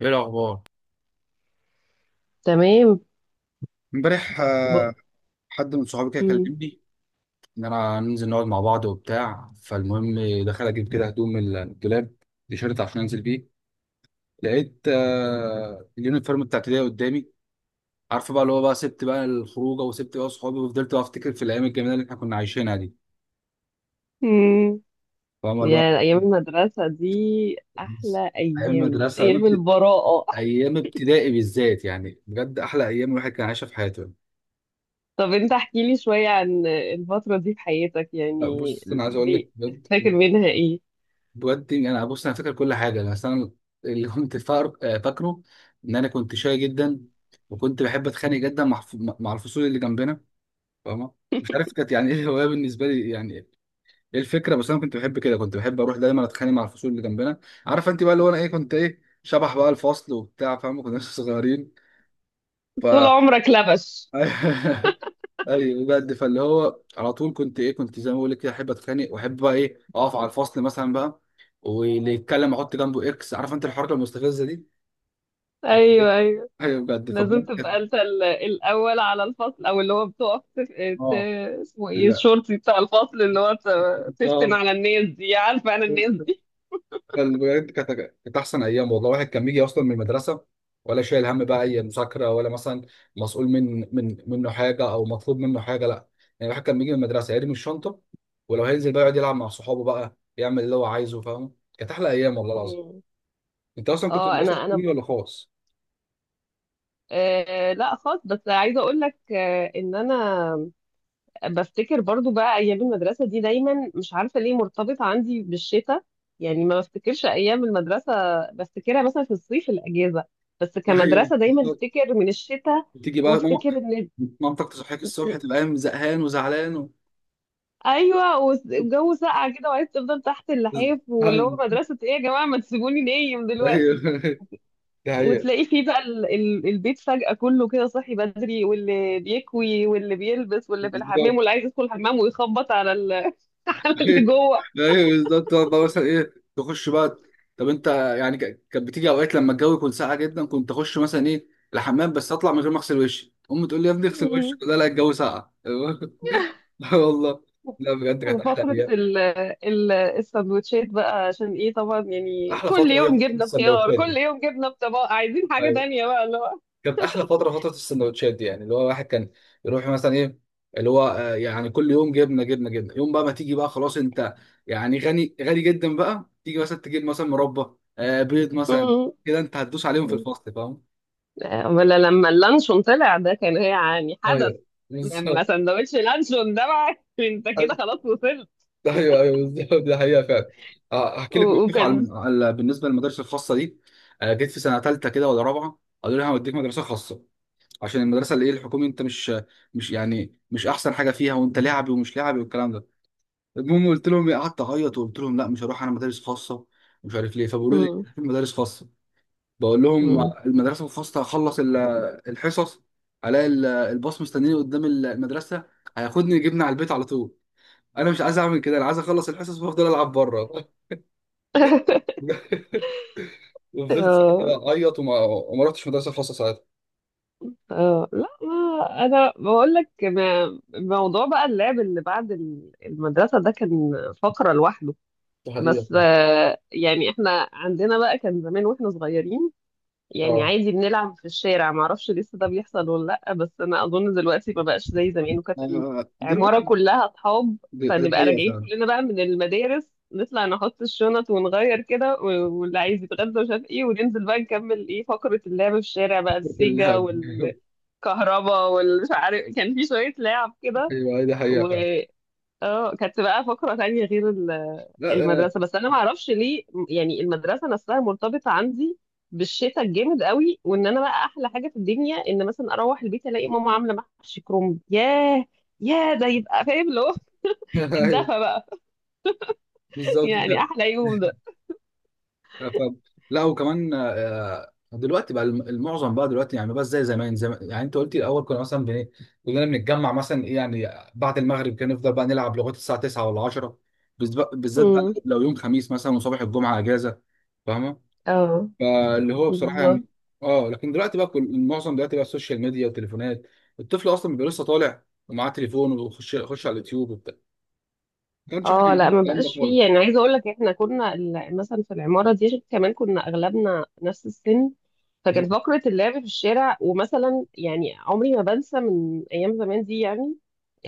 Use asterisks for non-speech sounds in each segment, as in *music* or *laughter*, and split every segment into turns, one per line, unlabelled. ايه الاخبار؟
تمام.
امبارح
ب-
حد من صحابي كده
مم.
كلمني ان ننزل نقعد مع بعض وبتاع، فالمهم دخل اجيب كده هدوم من الدولاب، تيشيرت عشان انزل بيه. لقيت اليونيفورم بتاع ابتدائي قدامي. عارفه بقى اللي هو بقى سبت بقى الخروجه وسبت بقى صحابي، وفضلت بقى افتكر في الايام الجميله اللي احنا كنا عايشينها دي.
مم.
فاهم اللي هو
يا أيام المدرسة دي، أحلى
ايام
أيام،
المدرسه،
أيام البراءة.
أيام ابتدائي بالذات يعني بجد احلى ايام الواحد كان عايشها في حياته.
طب أنت احكي لي شوية عن الفترة دي في حياتك
لا
يعني.
بص انا عايز اقول
ليه؟
لك بجد،
فاكر منها إيه؟
بودي انا بص انا فاكر كل حاجه. بس انا اللي كنت فاكره ان كنت شاي جدا، وكنت بحب اتخانق جدا مع الفصول اللي جنبنا. فاهمه؟ مش عارف كانت يعني ايه الهوايه بالنسبه لي، يعني ايه الفكره، بس انا كنت بحب كده، كنت بحب اروح دايما اتخانق مع الفصول اللي جنبنا. عارف انت بقى اللي هو انا ايه، كنت ايه شبح بقى الفصل وبتاع، فاهمه؟ كنا لسه صغيرين ف...
طول عمرك لبش.
*laughs* ايوه بجد، فاللي هو على طول كنت ايه، كنت زي ما بقول لك كده احب اتخانق واحب بقى ايه اقف على الفصل مثلا بقى، واللي يتكلم احط جنبه اكس. عارف انت الحركه المستفزه دي؟
أيوه، أيوه،
ايوه بجد،
لازم تبقى أنت الأول على الفصل، أو اللي هو بتقف
اه
اسمه إيه،
لا
الشرطي بتاع الفصل، اللي هو تفتن
بالظبط.
على الناس دي، عارفة أنا الناس دي.
بجد كانت، كانت احسن ايام والله. واحد كان بيجي اصلا من المدرسه ولا شايل هم بقى اي مذاكره، ولا مثلا مسؤول من منه حاجه او مطلوب منه حاجه، لا. يعني الواحد كان بيجي من المدرسه يرمي الشنطه، ولو هينزل بقى يقعد يلعب مع صحابه بقى، يعمل اللي هو عايزه. فاهم؟ كانت احلى ايام والله العظيم.
مم.
انت اصلا كنت
اه،
مدرسه
انا
حكومي ولا خاص؟
آه لا خالص، بس عايزه اقول لك ان انا بفتكر برضو بقى ايام المدرسه دي دايما مش عارفه ليه مرتبطه عندي بالشتاء. يعني ما بفتكرش ايام المدرسه، بفتكرها مثلا في الصيف الاجازه. بس
ايوه
كمدرسه دايما
بالظبط.
افتكر من الشتاء.
تيجي بقى ماما،
وافتكر ان.
مامتك تصحيك الصبح، تبقى قايم زهقان وزعلان و...
ايوه، والجو ساقع كده، وعايز تفضل تحت اللحاف، واللي هو
ايوه
مدرسه ايه يا جماعه، ما تسيبوني نايم
ايوه
دلوقتي.
*laughs* ده هي
وتلاقي فيه بقى البيت فجأة كله كده صاحي بدري، واللي بيكوي، واللي بيلبس، واللي في الحمام،
بالظبط.
واللي عايز يدخل الحمام ويخبط على *laughs* على اللي
ايوه
جوه.
ايوه بالظبط، تقعد بقى مثلا ايه تخش بقى. طب انت، يعني كانت بتيجي اوقات لما الجو يكون ساقع جدا، كنت اخش مثلا ايه الحمام، بس اطلع من غير ما اغسل وشي، امي تقول لي يا ابني اغسل
مم.
وشك، لا لا الجو ساقع. *laughs* لا والله، لا بجد كانت احلى
وفقرة
ايام.
السندوتشات بقى، عشان ايه طبعا يعني
احلى
كل
فتره هي
يوم
فتره
جبنة بخيار،
السندوتشات
كل
دي.
يوم جبنة بطباق، عايزين حاجة
أيوه.
تانية بقى اللي هو.
كانت احلى فتره، فتره السندوتشات دي، يعني اللي هو الواحد كان يروح مثلا ايه، اللي هو يعني كل يوم جبنه جبنه جبنه، يوم بقى ما تيجي بقى، خلاص انت يعني غني غني جدا بقى، تيجي مثلا تجيب مثلا مربى، بيض مثلا،
مم.
كده انت هتدوس عليهم في
مم.
الفصل، فاهم؟
ولا لما اللانشون طلع ده كان يعني حدث.
ايوه
لما
بالظبط.
سندوتش لانشون ده بقى *laughs* انت
*laughs*
كده
أيوة.
خلاص وصلت.
ده ايوه ايوه بالظبط، ده حقيقه فعلا. احكي لك
و-
موقف
وكان
بالنسبه للمدارس الخاصه دي. جيت في سنه ثالثه كده ولا رابعه، قالوا لي هوديك مدرسه خاصه عشان المدرسه اللي ايه الحكومي، انت مش يعني مش احسن حاجه فيها، وانت لعبي ومش لعبي والكلام ده. المهم قلت لهم إيه، قعدت اعيط وقلت لهم لا مش هروح انا مدارس خاصه، مش عارف ليه. فبيقولوا لي
مم.
في مدارس خاصه، بقول لهم
مم.
المدرسه الخاصه هخلص الحصص، الاقي الباص مستنيني قدام المدرسه هياخدني يجيبني على البيت على طول. انا مش عايز اعمل كده، انا عايز اخلص الحصص وافضل العب بره. *laughs* وفضلت ساعتها
آه
بقى اعيط وما رحتش مدرسه خاصه ساعتها.
آه لا، ما انا بقول لك موضوع بقى اللعب اللي بعد المدرسه ده كان فقره لوحده.
ده حقيقة.
بس يعني احنا عندنا بقى، كان زمان واحنا صغيرين، يعني
اه
عادي بنلعب في الشارع، ما اعرفش لسه ده بيحصل ولا لا، بس انا اظن دلوقتي ما بقاش زي زمان. وكانت العماره
دلوقتي
كلها اصحاب،
دي دي
فنبقى
حقيقة
راجعين
فعلا.
كلنا بقى من المدارس، نطلع نحط الشنط ونغير كده، واللي عايز يتغدى مش عارف ايه، وننزل بقى نكمل ايه فقرة اللعب في الشارع بقى،
*laughs*
السيجا
اللعب.
كهربا والمش عارف، كان في شوية لعب كده.
ايوه دي حقيقة
و
فعلا.
اه كانت بقى فقرة تانية غير ال-
لا آه،
المدرسة بس أنا معرفش ليه يعني المدرسة نفسها مرتبطة عندي بالشتاء الجامد قوي. وإن أنا بقى أحلى حاجة في الدنيا، إن مثلا أروح البيت ألاقي ماما عاملة محشي كرنب. ياه، ياه، ده يبقى فاهم اللي هو
*laughs*
*laughs* الدفى
ايوه
بقى. *laughs*
بالظبط
يعني
فعلا.
أحلى يوم
*laughs*
ده.
ف... لا وكمان دلوقتي بقى المعظم بقى دلوقتي يعني بس زي زمان، زي ما- يعني انت قلتي الاول كنا مثلا بن... كلنا بنتجمع مثلا ايه يعني بعد المغرب، كان نفضل بقى نلعب لغايه الساعه 9 ولا 10، بالذات بقى
امم.
لو يوم خميس مثلا وصباح الجمعه اجازه. فاهمه؟
اه.
فاللي هو بصراحه
بالظبط.
يعني، اه لكن دلوقتي بقى كل المعظم دلوقتي بقى السوشيال ميديا والتليفونات. الطفل اصلا بيبقى لسه طالع ومعاه تليفون، ويخش على اليوتيوب وبتاع. ما كانش احنا
اه
عندنا
لا، ما
الكلام ده
بقاش فيه،
خالص.
يعني عايزه اقول لك احنا كنا مثلا في العماره دي، عشان كمان كنا اغلبنا نفس السن.
مم.
فكانت فقره اللعب في الشارع، ومثلا يعني عمري ما بنسى من ايام زمان دي يعني.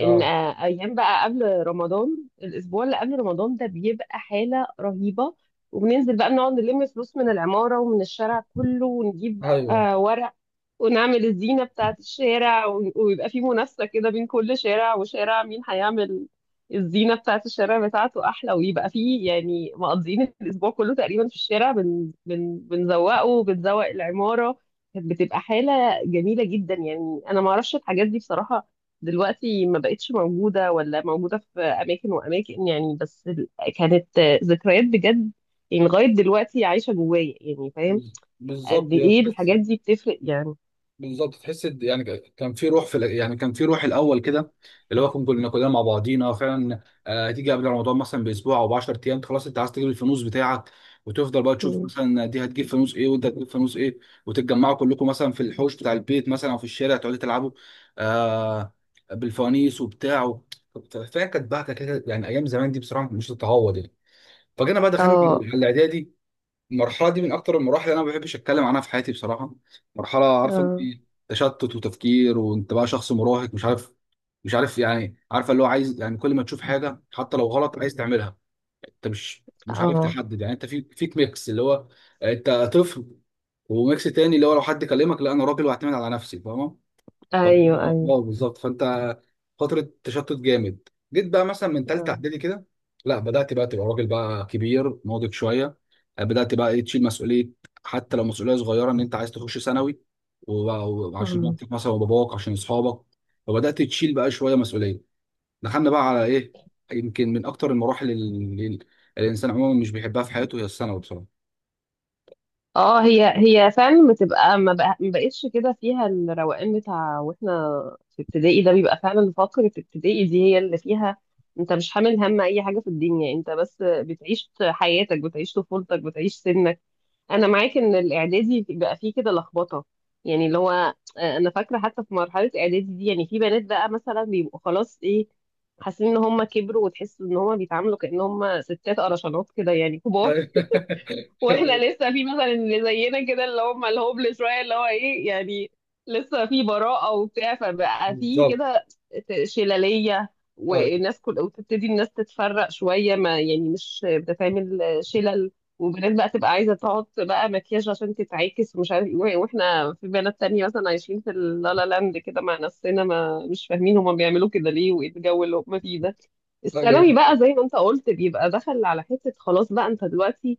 ان ايام بقى قبل رمضان، الاسبوع اللي قبل رمضان ده بيبقى حاله رهيبه. وبننزل بقى نقعد نلم فلوس من العماره ومن الشارع كله، ونجيب بقى
ايوه
ورق، ونعمل الزينة بتاعة الشارع، ويبقى في منافسة كده بين كل شارع وشارع، مين هيعمل الزينة بتاعة الشارع بتاعته أحلى. ويبقى في يعني مقضيين الأسبوع كله تقريبا في الشارع بن بن بنزوقه بنزوق العمارة. كانت بتبقى حالة جميلة جدا، يعني أنا معرفش الحاجات دي بصراحة دلوقتي ما بقتش موجودة، ولا موجودة في أماكن وأماكن يعني، بس كانت ذكريات بجد. يعني لغاية دلوقتي عايشة جوايا، يعني فاهم قد
بالظبط. يا
إيه
تحس،
الحاجات دي بتفرق يعني.
بالظبط تحس يعني كان في روح يعني كان في روح الاول كده، اللي هو كنا كلنا مع بعضينا فعلا. هتيجي قبل رمضان مثلا باسبوع او ب 10 ايام، خلاص انت عايز تجيب الفانوس بتاعك، وتفضل بقى تشوف مثلا دي هتجيب فانوس ايه وانت هتجيب فانوس ايه، وتتجمعوا كلكم مثلا في الحوش بتاع البيت مثلا او في الشارع، تقعدوا تلعبوا آه بالفوانيس وبتاع. فهي كانت بقى كده يعني، ايام زمان دي بصراحه مش تتعوض يعني. فجينا بقى دخلنا
اه.
الاعدادي. المرحلة دي من أكتر المراحل اللي أنا ما بحبش أتكلم عنها في حياتي بصراحة، مرحلة عارفة أنت
اه.
تشتت وتفكير، وأنت بقى شخص مراهق مش عارف يعني، عارفة اللي هو عايز يعني، كل ما تشوف حاجة حتى لو غلط عايز تعملها، أنت مش عارف
اه.
تحدد يعني، أنت في فيك ميكس اللي هو أنت طفل، وميكس تاني اللي هو لو حد كلمك لا أنا راجل وأعتمد على نفسي. فاهمة؟
ايوه،
طب اه
ايوه.
بالظبط، فانت فتره تشتت جامد. جيت بقى مثلا من ثالثه
اه.
اعدادي كده، لا بدات بقى تبقى راجل بقى، كبير ناضج شويه، بدات بقى ايه تشيل مسؤوليه، حتى لو مسؤوليه صغيره، ان انت عايز تخش ثانوي وبقى- وعشان
مم.
مامتك مثلا وباباك عشان اصحابك. فبدات تشيل بقى شويه مسؤوليه، دخلنا بقى على ايه، يمكن من اكتر المراحل اللي الانسان عموما مش بيحبها في حياته هي الثانوي بصراحه.
اه، هي هي فعلا بتبقى ما بقتش كده فيها الروقان بتاع، واحنا في ابتدائي ده بيبقى فعلا فقرة ابتدائي دي هي اللي فيها انت مش حامل هم اي حاجة في الدنيا، انت بس بتعيش حياتك، بتعيش طفولتك، بتعيش سنك. انا معاك ان الاعدادي بقى فيه كده لخبطه، يعني اللي هو انا فاكره حتى في مرحله اعدادي دي، يعني في بنات بقى مثلا بيبقوا خلاص ايه، حاسين ان هم كبروا، وتحس ان هم بيتعاملوا كأن هم ستات قرشانات كده يعني كبار. واحنا
*laughs*
لسه في مثلا اللي زينا كده، اللي هم الهوبلس شويه، اللي هو ايه يعني، لسه في براءة وبتاع، فبقى في
بالظبط
كده شلالية.
ايوه.
والناس كل، وتبتدي الناس تتفرق شوية، ما يعني مش بتتعمل شلل. وبنات بقى تبقى عايزة تحط بقى مكياج عشان تتعاكس ومش عارف ايه، واحنا في بنات تانية مثلا عايشين في اللالا لاند كده مع نفسنا، ما مش فاهمين هما بيعملوا كده ليه وايه الجو اللي هما فيه ده.
ايوه
الثانوي بقى زي ما انت قلت بيبقى دخل على حتة خلاص بقى، انت دلوقتي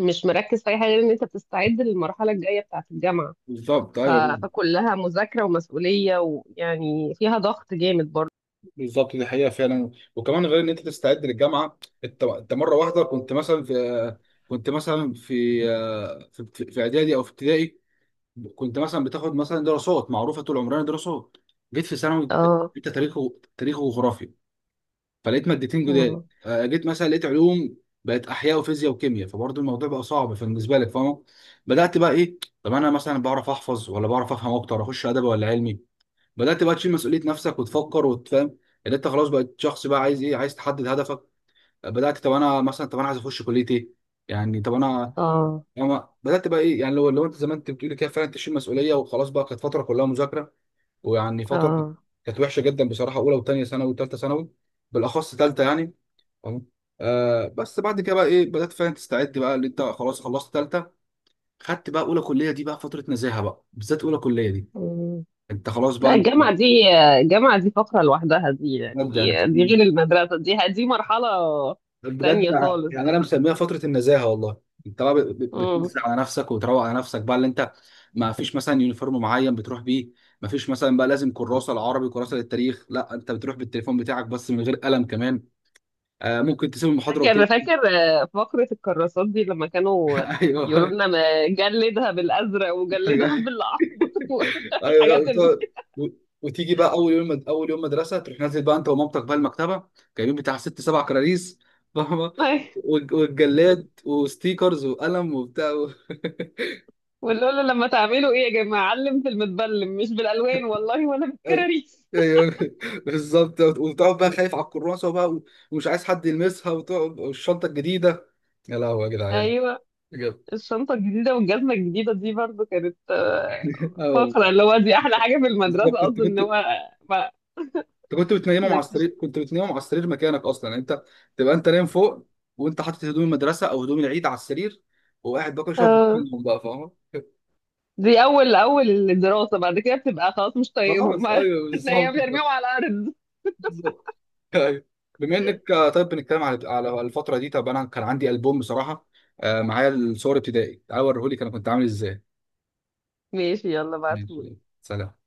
مش مركز في اي حاجه غير ان انت بتستعد للمرحله الجايه بتاعه الجامعه.
بالظبط.
ف...
ايوه
فكلها مذاكره ومسؤوليه، ويعني فيها ضغط جامد برضه.
بالظبط دي حقيقة فعلا. وكمان غير ان انت تستعد للجامعة، انت مرة واحدة كنت مثلا في، كنت مثلا في، في في اعدادي او في ابتدائي كنت مثلا بتاخد مثلا دراسات، معروفة طول عمرنا دراسات. جيت في ثانوي
اه.
انت تاريخ تاريخ وجغرافيا، فلقيت مادتين جداد،
اه.
جيت مثلا لقيت علوم بقت احياء وفيزياء وكيمياء، فبرضه الموضوع بقى صعب فبالنسبة لك. فاهمة؟ بدأت بقى ايه، طب انا مثلا بعرف احفظ ولا بعرف افهم اكتر، اخش ادبي ولا علمي، بدأت بقى تشيل مسؤولية نفسك وتفكر وتفهم ان انت خلاص بقيت شخص بقى عايز ايه، عايز تحدد هدفك. بدأت طب انا مثلا، طب انا عايز اخش كلية ايه، يعني طب انا
اه.
يعني بدأت بقى ايه يعني، لو انت زي ما انت بتقولي كده فعلا تشيل مسؤولية، وخلاص بقى كانت فترة كلها مذاكرة، ويعني فترة كانت،
اه.
كانت وحشة جدا بصراحة، اولى وثانية ثانوي وثالثة ثانوي، بالأخص ثالثة يعني. تمام؟ آه بس بعد كده بقى ايه، بدأت فعلا تستعد بقى اللي انت خلاص خلصت ثالثة، خدت بقى اولى كلية، دي بقى فترة نزاهة بقى، بالذات اولى كلية دي،
مم.
انت خلاص
لا
بقى،
الجامعه دي، الجامعه دي فقره لوحدها دي يعني،
بجد يعني.
دي غير المدرسه دي. دي مرحله
بجد
تانية خالص
يعني انا
بقى.
مسميها فتره النزاهه والله، انت بقى
مم.
بتنزل على نفسك وتروق على نفسك بقى اللي انت، ما فيش مثلا يونيفورم معين بتروح بيه، ما فيش مثلا بقى لازم كراسه العربي كراسه للتاريخ، لا انت بتروح بالتليفون بتاعك بس من غير قلم كمان، آه ممكن تسيب المحاضره
فاكر
وتمشي.
فاكر فقره الكراسات دي، لما كانوا
*laughs*
يقولوا
ايوه
لنا ما جلدها بالازرق
أنت
وجلدها
جاي.
بالاحمر. *laughs*
ايوه
والحاجات
لا
اللي
و- وتيجي بقى اول يوم، اول يوم مدرسه تروح نازل بقى انت ومامتك بقى المكتبه، جايبين بتاع ست سبع كراريس، فاهمه؟
*laughs*
والجلاد وستيكرز وقلم وبتاع. *laughs*
ونقول له لما تعملوا ايه يا جماعه، علم في المتبلم، مش بالالوان والله ولا
ايوه
بالكراريس.
ايوه *laughs* بالظبط، وتقعد بقى خايف على الكراسه بقى و... ومش عايز حد يلمسها، وتقعد والشنطه الجديده، يا لهوي يا
*laughs*
جدعان
ايوه
بجد.
الشنطه الجديده والجزمه الجديده دي برضو كانت
*laughs* اه
فقره،
والله.
اللي هو دي احلى حاجه في
بالظبط،
المدرسه
انت
اصلا، ان
كنت
هو ما-
انت كنت بتنيمهم على
نكتشف
السرير، كنت بتنيمهم على السرير مكانك اصلا، يعني انت تبقى انت نايم فوق، وانت حاطط هدوم المدرسه او هدوم العيد على السرير، وقاعد باكل شرب
اه.
فيهم بقى، فاهم؟ *laughs*
دي اول اول الدراسه، بعد كده بتبقى خلاص مش طايقهم.
خلاص ايوه
*laughs* تلاقيهم
بالظبط.
بيرميهم على الارض.
بالظبط أيوة. بما انك طيب بنتكلم على على الفتره دي، طب انا كان عندي البوم بصراحه، معايا الصور ابتدائي، تعال اوريهولك انا كنت عامل ازاي.
ماشي، يلا بعتوا.
ماشي. سلام.